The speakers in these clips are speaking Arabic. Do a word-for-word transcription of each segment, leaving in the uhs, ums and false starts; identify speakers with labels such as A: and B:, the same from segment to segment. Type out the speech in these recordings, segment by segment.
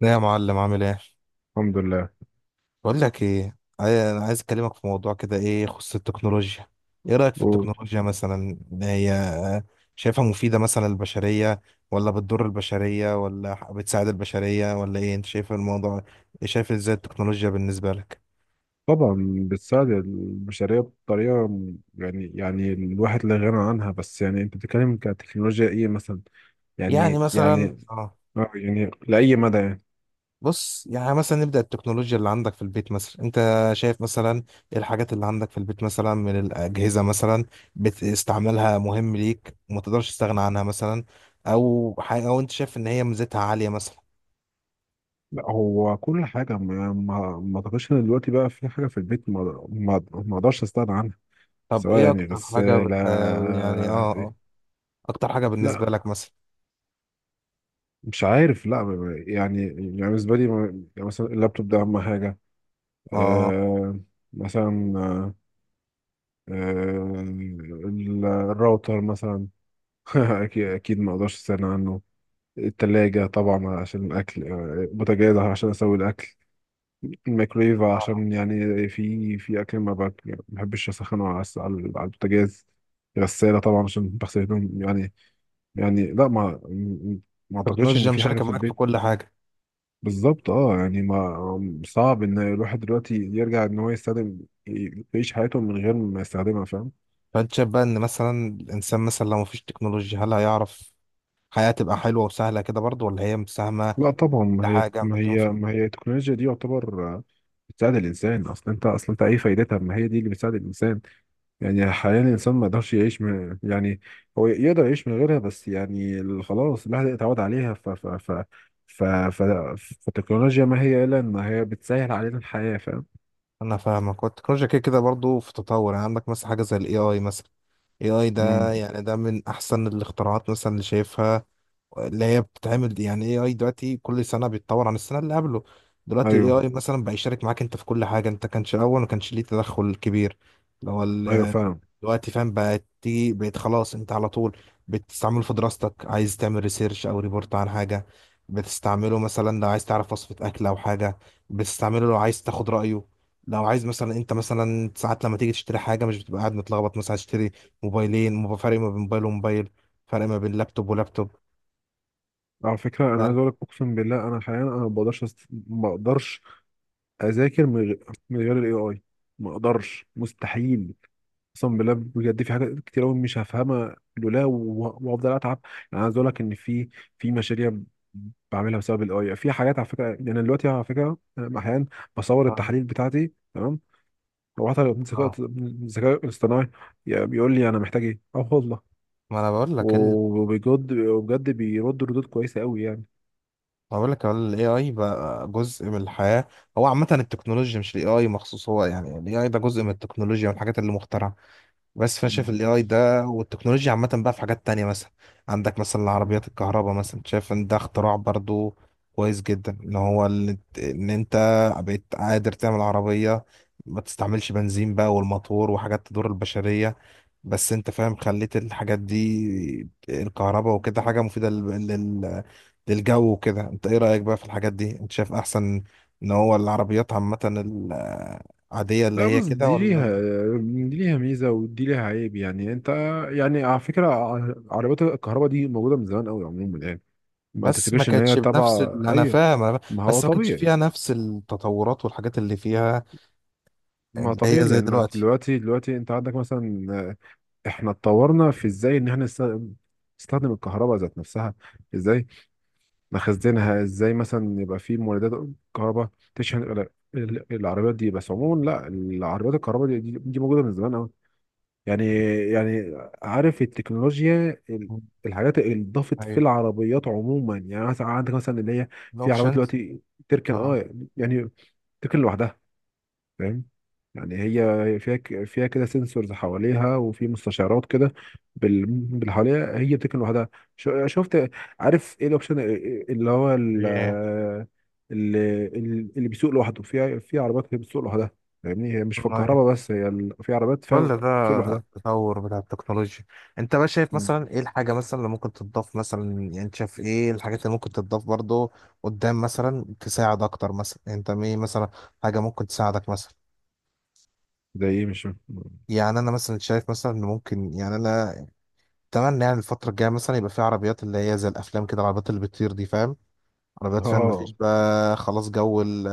A: لا، يا معلم، عامل ايه؟
B: الحمد لله.
A: بقول لك ايه، عاي- انا عايز اكلمك في موضوع كده ايه يخص التكنولوجيا. ايه رايك في
B: وطبعا
A: التكنولوجيا مثلا؟ هي شايفها مفيده مثلا للبشريه، ولا بتضر البشريه، ولا ح- بتساعد البشريه، ولا ايه انت شايف الموضوع؟ شايف ازاي التكنولوجيا بالنسبه لك؟
B: بتساعد البشرية بطريقة م- يعني يعني الواحد لا غنى عنها، بس يعني انت بتتكلم كتكنولوجيا ايه مثلا؟
A: يعني
B: يعني
A: مثلا،
B: يعني
A: اه.
B: آه، يعني لأي مدى يعني؟
A: بص، يعني مثلا نبدأ التكنولوجيا اللي عندك في البيت مثلا، انت شايف مثلا ايه الحاجات اللي عندك في البيت مثلا من الأجهزة مثلا، بتستعملها مهم ليك وما تقدرش تستغنى عنها مثلا؟ او حاجة، او انت شايف ان هي ميزتها عالية مثلا؟
B: لا، هو كل حاجة، ما ما ما اعتقدش ان دلوقتي بقى في حاجة في البيت ما ما ما اقدرش استغنى عنها،
A: طب،
B: سواء
A: ايه
B: يعني.
A: اكتر
B: بس
A: حاجة بتح... يعني،
B: لا،
A: اه، اه،
B: إيه؟
A: اكتر حاجة بالنسبة
B: لا،
A: لك مثلا؟
B: مش عارف. لا يعني يعني بالنسبة لي يعني مثلا اللابتوب ده أهم حاجة.
A: اه.
B: أه مثلا، آه، ال- الراوتر مثلا. اكيد اكيد ما اقدرش استغنى عنه. التلاجة طبعا عشان الاكل، آه، بوتاجاز عشان اسوي الاكل. الميكرويف
A: آه.
B: عشان يعني في في اكل ما بك- يعني ما بحبش اسخنه على الس- على على البوتاجاز. غسالة طبعا عشان بغسل هدوم يعني. يعني لا، ما ما اعتقدش ان
A: التكنولوجيا
B: في حاجة
A: مشاركة
B: في
A: معاك في
B: البيت.
A: كل حاجة.
B: بالظبط اه، يعني ما صعب ان الواحد دلوقتي يرجع ان هو يستخدم، يعيش حياته من غير ما يستخدمها، فاهم؟
A: فانت شايف بقى ان مثلا الانسان مثلا لو مفيش تكنولوجيا، هل هيعرف حياة تبقى حلوة وسهلة كده برضه، ولا هي مساهمة
B: لا طبعا، ما هي
A: لحاجة
B: ما
A: مليون في؟
B: هي ما هي التكنولوجيا دي، يعتبر آه، بتساعد الانسان. اصلا انت، اصلا انت ايه فايدتها، ما هي دي اللي بتساعد الانسان. يعني حاليا الانسان ما يقدرش يعيش من، يعني هو يقدر يعيش من غيرها، بس يعني ال- خلاص الواحد اتعود عليها ف ف ف ف ف فالتكنولوجيا ما هي الا ان هي بتسهل علينا الحياه، فاهم؟
A: انا فاهمك، والتكنولوجيا كده كده برضه في تطور، يعني عندك مثلا حاجه زي الاي اي مثلا. اي اي ده
B: امم
A: يعني ده من احسن الاختراعات مثلا اللي شايفها، اللي هي بتتعمل، يعني اي اي دلوقتي كل سنه بيتطور عن السنه اللي قبله. دلوقتي الاي
B: ايوه.
A: اي مثلا بقى يشارك معاك انت في كل حاجه، انت كانش الاول ما كانش ليه تدخل كبير، اللي هو
B: ايوه فعلا.
A: دلوقتي، فاهم؟ بقت تيجي، بقيت خلاص انت على طول بتستعمله في دراستك، عايز تعمل ريسيرش او ريبورت عن حاجه، بتستعمله مثلا لو عايز تعرف وصفه اكل او حاجه، بتستعمله لو عايز تاخد رايه، لو عايز مثلا، انت مثلا ساعات لما تيجي تشتري حاجه مش بتبقى قاعد متلخبط مثلا؟ هتشتري موبايلين، مو- فرق ما بين موبايل وموبايل، فرق ما بين لابتوب ولابتوب.
B: على فكره
A: ف...
B: انا عايز اقول لك، اقسم بالله انا حاليا انا ما بقدرش أست... ما اقدرش اذاكر من غير، من غير الاي اي. ما اقدرش، مستحيل، اقسم بالله بجد. في حاجات كتير قوي مش هفهمها لولا و- وافضل اتعب. يعني عايز اقول لك ان في، في مشاريع بعملها بسبب الاي. في حاجات على فكره، يعني أنا دلوقتي على فكره أنا احيانا بصور
A: اه،
B: التحاليل بتاعتي، تمام؟ لو حتى الذكاء
A: اه،
B: الذكاء الاصطناعي يعني بيقول لي انا محتاج ايه، اه والله.
A: ما انا بقول لك ال...
B: وبجد بجد بيرد ردود كويسه قوي يعني.
A: ما بقول لك الاي اي بقى جزء من الحياه. هو عامه التكنولوجيا، مش الاي اي مخصوص، هو يعني الاي اي ده جزء من التكنولوجيا والحاجات اللي مخترعه. بس فانا شايف
B: مم.
A: الاي اي ده والتكنولوجيا عامه بقى في حاجات تانية مثلا. عندك مثلا العربيات الكهرباء مثلا، شايف ان ده اختراع برضو كويس جدا، ان هو ال- ان انت بقيت قادر تعمل عربيه، ما تستعملش بنزين بقى، والموتور وحاجات تضر البشريه. بس انت فاهم، خليت الحاجات دي الكهرباء وكده حاجه مفيده لل... لل... للجو وكده. انت ايه رايك بقى في الحاجات دي؟ انت شايف احسن ان هو العربيات عامه العاديه اللي
B: لا
A: هي
B: بص،
A: كده،
B: دي ليها
A: ولا؟
B: دي ليها ميزة ودي ليها عيب. يعني انت، يعني على فكرة ع- عربيات الكهرباء دي موجودة من زمان قوي عموما، يعني ما
A: بس ما
B: تفتكرش ان هي
A: كانتش بنفس
B: تبع،
A: ال... انا
B: ايوه.
A: فاهم أنا...
B: ما هو
A: بس ما كانتش
B: طبيعي.
A: فيها نفس التطورات والحاجات اللي فيها،
B: ما
A: اللي
B: طبيعي
A: هي زي
B: لانك
A: دلوقتي.
B: دلوقتي دلوقتي انت عندك مثلا. آه، احنا اتطورنا في ازاي ان احنا نست- نستخدم الكهرباء ذات نفسها، ازاي نخزنها، ازاي مثلا يبقى في مولدات كهرباء تشحن ال- ال- العربيات دي. بس عموما لا، العربيات الكهرباء دي, دي دي موجوده من زمان قوي يعني يعني عارف التكنولوجيا، ال-
A: مم.
B: الحاجات اللي اتضافت في
A: ايوه،
B: العربيات عموما، يعني مثلا عندك مثلا اللي هي في عربيات
A: الاوبشنز.
B: دلوقتي تركن
A: اه.
B: اه، يعني تركن لوحدها فاهم. يعني هي، هي فيها ك- فيها كده سنسورز حواليها وفي مستشعرات كده بال... بال- حواليها، هي بتكن لوحدها. شو- شفت. عارف ايه الاوبشن اللي هو ال-
A: ايه.
B: اللي, اللي بيسوق لوحده. في في عربيات هي بتسوق لوحدها فاهمني، هي مش في
A: أيوة.
B: الكهرباء بس، هي ال... في عربيات فاهم،
A: كل ده
B: بتسوق لوحدها.
A: التطور بتاع التكنولوجيا. انت بقى شايف
B: مم.
A: مثلا ايه الحاجة مثلا اللي ممكن تتضاف مثلا؟ يعني انت شايف ايه الحاجات اللي ممكن تتضاف برضو قدام مثلا، تساعد اكتر مثلا؟ انت ايه مثلا حاجة ممكن تساعدك مثلا؟
B: زي ايه؟ مش فاهم.
A: يعني انا مثلا شايف مثلا ان ممكن، يعني انا اتمنى يعني الفترة الجاية مثلا يبقى في عربيات اللي هي زي الأفلام كده، العربيات اللي بتطير دي، فاهم؟ عربيات، فاهم؟
B: اه
A: مفيش بقى خلاص جو ال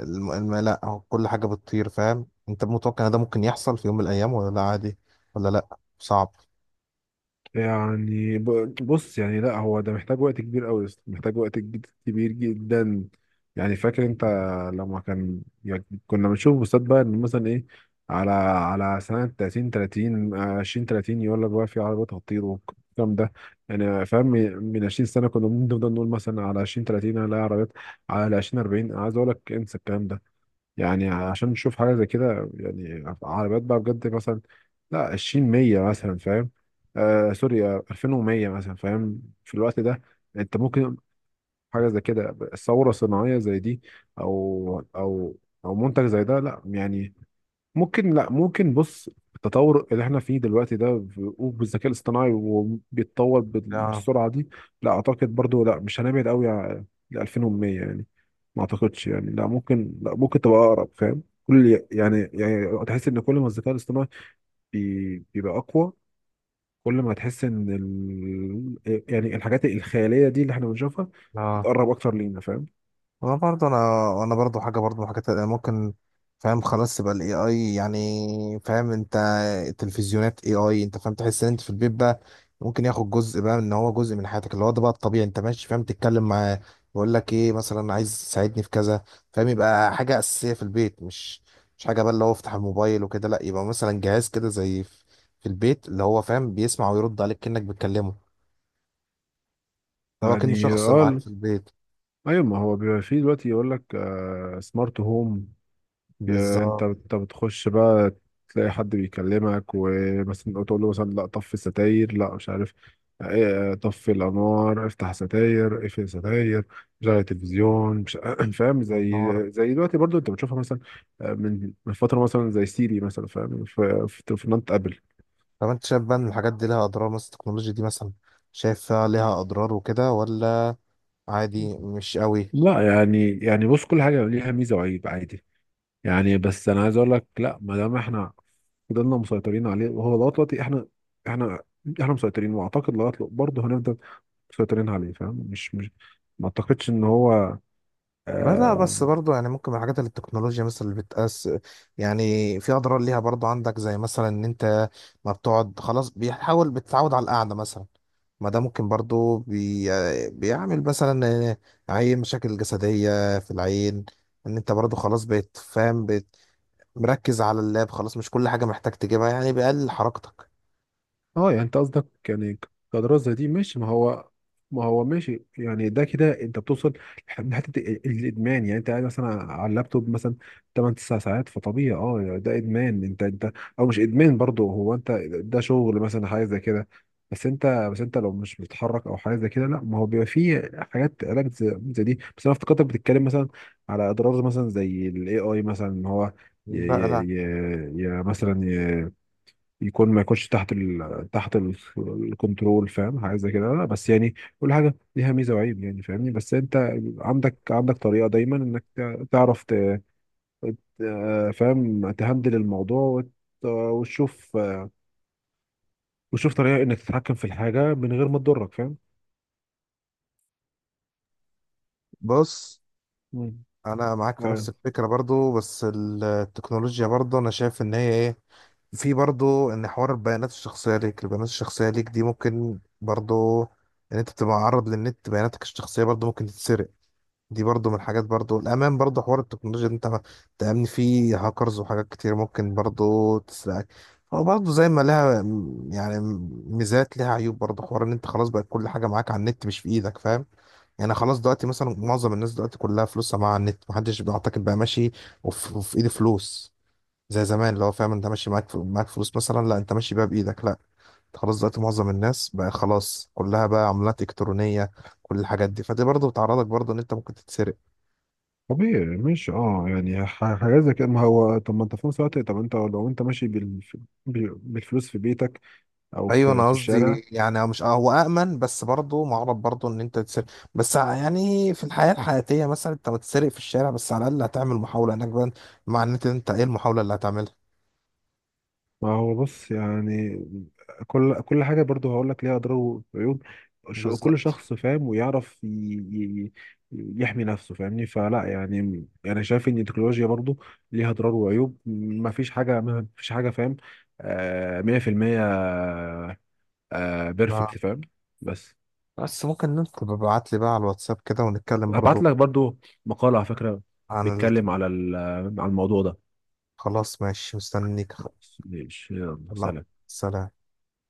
A: الم... الم... لا، هو كل حاجة بتطير. فاهم؟ أنت متوقع إن ده ممكن يحصل في يوم من الأيام، ولا لا عادي، ولا لا صعب؟
B: يعني ب- بص، يعني لا هو ده محتاج وقت كبير قوي، محتاج وقت جد- كبير جدا. يعني فاكر انت لما كان، يعني كنا بنشوف بوستات بقى ان مثلا ايه، على على سنة ثلاثين ثلاثين آه، عشرين ثلاثين، يقول لك بقى في عربيات هتطير والكلام ده يعني. فاهم، من عشرين سنة كنا بنفضل نقول مثلا على عشرين ثلاثين هنلاقي عربيات، على عشرين اربعين. عايز اقول لك انسى الكلام ده يعني، عشان نشوف حاجة زي كده يعني، عربيات بقى بجد مثلا، لا عشرين مية مثلا، فاهم؟ آه سوري، آه، الفين ومية مثلا، فاهم؟ في الوقت ده انت ممكن حاجة زي كده، ثورة صناعية زي دي، او او او منتج زي ده. لا يعني، ممكن. لا ممكن، بص التطور اللي احنا فيه دلوقتي ده ب- وبالذكاء الاصطناعي، وبيتطور بال-
A: لا،
B: بالسرعة دي، لا اعتقد برضو لا مش هنبعد قوي ل الفين ومية يعني. ما اعتقدش يعني، لا ممكن لا ممكن تبقى اقرب، فاهم؟ كل يعني، يعني تحس ان كل ما الذكاء الاصطناعي بي- بيبقى اقوى، كل ما هتحس ان ال... إيه، يعني الحاجات الخياليه دي اللي احنا بنشوفها
A: لا،
B: تقرب اكتر لينا، فاهم؟
A: هو برضه انا، وانا برضه حاجه برضه من حاجات ممكن، فاهم، خلاص تبقى الاي اي، يعني فاهم انت، التلفزيونات اي اي، انت فاهم؟ تحس ان انت في البيت بقى ممكن ياخد جزء بقى، من ان هو جزء من حياتك، اللي هو ده بقى الطبيعي، انت ماشي، فاهم، تتكلم معاه، يقول لك ايه مثلا، عايز تساعدني في كذا، فاهم؟ يبقى حاجه اساسيه في البيت، مش مش حاجه بقى اللي هو افتح الموبايل وكده، لا، يبقى مثلا جهاز كده زي في في البيت اللي هو، فاهم، بيسمع ويرد عليك كأنك بتكلمه. هو كأنه
B: يعني
A: شخص
B: اه
A: معاك
B: ال-
A: في البيت.
B: ايوه، ما هو بيبقى فيه دلوقتي يقول لك سمارت هوم. يا انت
A: بالظبط.
B: انت بتخش بقى تلاقي حد بيكلمك، ومثلا تقول له مثلا لا طفي الستاير، لا مش عارف، ايه، اه، طفي الانوار، افتح ستاير، اقفل ستاير، شغل التلفزيون، مش فاهم. زي،
A: والنار.
B: زي دلوقتي برضو انت بتشوفها مثلا، اه، من من فتره، مثلا زي سيري مثلا، فاهم في في تليفونات ابل.
A: طب، انت شايف بقى ان الحاجات دي لها اضرار مثلا؟ التكنولوجيا دي مثلا، شايفها ليها اضرار وكده، ولا عادي، مش قوي؟
B: لا يعني، يعني بص كل حاجه ليها ميزه وعيب عادي يعني. بس انا عايز اقول لك، لا ما دام احنا فضلنا مسيطرين عليه وهو لغايه دلوقتي احنا، احنا احنا مسيطرين، واعتقد لغايه دلوقتي برضه هنفضل مسيطرين عليه فاهم، مش مش ما اعتقدش ان هو
A: لا، لا،
B: آه.
A: بس برضو يعني ممكن من الحاجات اللي التكنولوجيا مثلا اللي بتقاس، يعني في اضرار ليها برضو، عندك زي مثلا ان انت ما بتقعد، خلاص بيحاول بتتعود على القعده مثلا. ما ده ممكن برضو بي... بيعمل مثلا عين، مشاكل جسديه في العين، ان انت برضو خلاص بقيت، فاهم، بقيت مركز على اللاب، خلاص مش كل حاجه محتاج تجيبها، يعني بيقلل حركتك.
B: اه يعني انت قصدك يعني كدراسة زي دي ماشي، ما هو ما هو ماشي يعني ده كده انت بتوصل لحد- لحته ال- الادمان، يعني انت قاعد مثلا على اللابتوب مثلا ثماني تسعة ساعات، فطبيعي اه يعني ده ادمان. انت انت او مش ادمان برضو، هو انت ده شغل مثلا حاجه زي كده، بس انت بس انت لو مش بتتحرك او حاجه زي كده لا. ما هو بيبقى فيه حاجات علاج زي, زي دي، بس انا افتكرتك بتتكلم مثلا على اضرار مثلا زي الاي اي مثلا ان هو ي
A: لا، لا،
B: ي ي ي مثلا يكون ما يكونش تحت ال... تحت ال... الكنترول، فاهم حاجه زي كده، لا، بس يعني كل حاجه ليها ميزه وعيب يعني فاهمني، بس انت عندك عندك طريقه دايما انك تع- تعرف ت... ت- فاهم تهندل الموضوع وت... وتشوف وتشوف طريقه انك تتحكم في الحاجه من غير ما تضرك فاهم.
A: بص،
B: مم.
A: انا معاك في نفس
B: ايوه
A: الفكره برضو، بس التكنولوجيا برضو انا شايف ان هي ايه، في برضو ان حوار البيانات الشخصيه ليك، البيانات الشخصيه ليك دي ممكن برضو ان انت تبقى معرض للنت، بياناتك الشخصيه برضو ممكن تتسرق. دي برضو من الحاجات برضو، الأمان برضو حوار التكنولوجيا، إن أنت ما- تأمن فيه، هاكرز وحاجات كتير ممكن برضو تسرقك. هو برضو زي ما لها م- يعني ميزات لها عيوب، برضو حوار إن أنت خلاص بقت كل حاجة معاك على النت مش في إيدك، فاهم؟ يعني خلاص دلوقتي مثلا، معظم الناس دلوقتي كلها فلوسها معاها على النت، محدش بيعتقد بقى ماشي وف- وفي إيده فلوس زي زمان، اللي هو، فاهم، انت ماشي معاك فل- معاك فلوس مثلا، لا، انت ماشي بيها بايدك، لا، انت خلاص دلوقتي، معظم الناس بقى خلاص كلها بقى عملات الكترونيه، كل الحاجات دي، فدي برضه بتعرضك برضه ان انت ممكن تتسرق.
B: طبيعي مش اه يعني ح- حاجات زي كده. ما هو طب ما انت في نفس الوقت، طب انت لو انت ماشي بال... بال- بالفلوس في بيتك او
A: ايوه،
B: في
A: انا
B: في الشارع.
A: قصدي يعني مش، اه، هو امن، بس برضه معرض برضه ان انت تتسرق. بس ع- يعني في الحياه الحياتيه مثلا، انت بتسرق في الشارع، بس على الاقل هتعمل محاوله انك بقى، مع ان انت انت ايه المحاوله اللي هتعملها؟
B: ما هو بص يعني كل كل حاجة برضو هقول لك ليها أضرار وعيوب. ش- كل
A: بالظبط.
B: شخص فاهم ويعرف ي- ي- يحمي نفسه فاهمني، فلا يعني أنا شايف إن التكنولوجيا برضو ليها أضرار وعيوب، ما فيش حاجة ما فيش حاجة فاهم آه، مية في المية
A: ما-
B: بيرفكت فاهم. بس
A: بس ممكن انت تبقى ابعت لي بقى على الواتساب كده ونتكلم
B: هبعت
A: برضه
B: لك برضو مقالة على فكرة
A: عن ال...
B: بيتكلم على ال- على الموضوع ده.
A: خلاص، ماشي، مستنيك.
B: بس ماشي، يلا،
A: الله.
B: سلام.
A: سلام.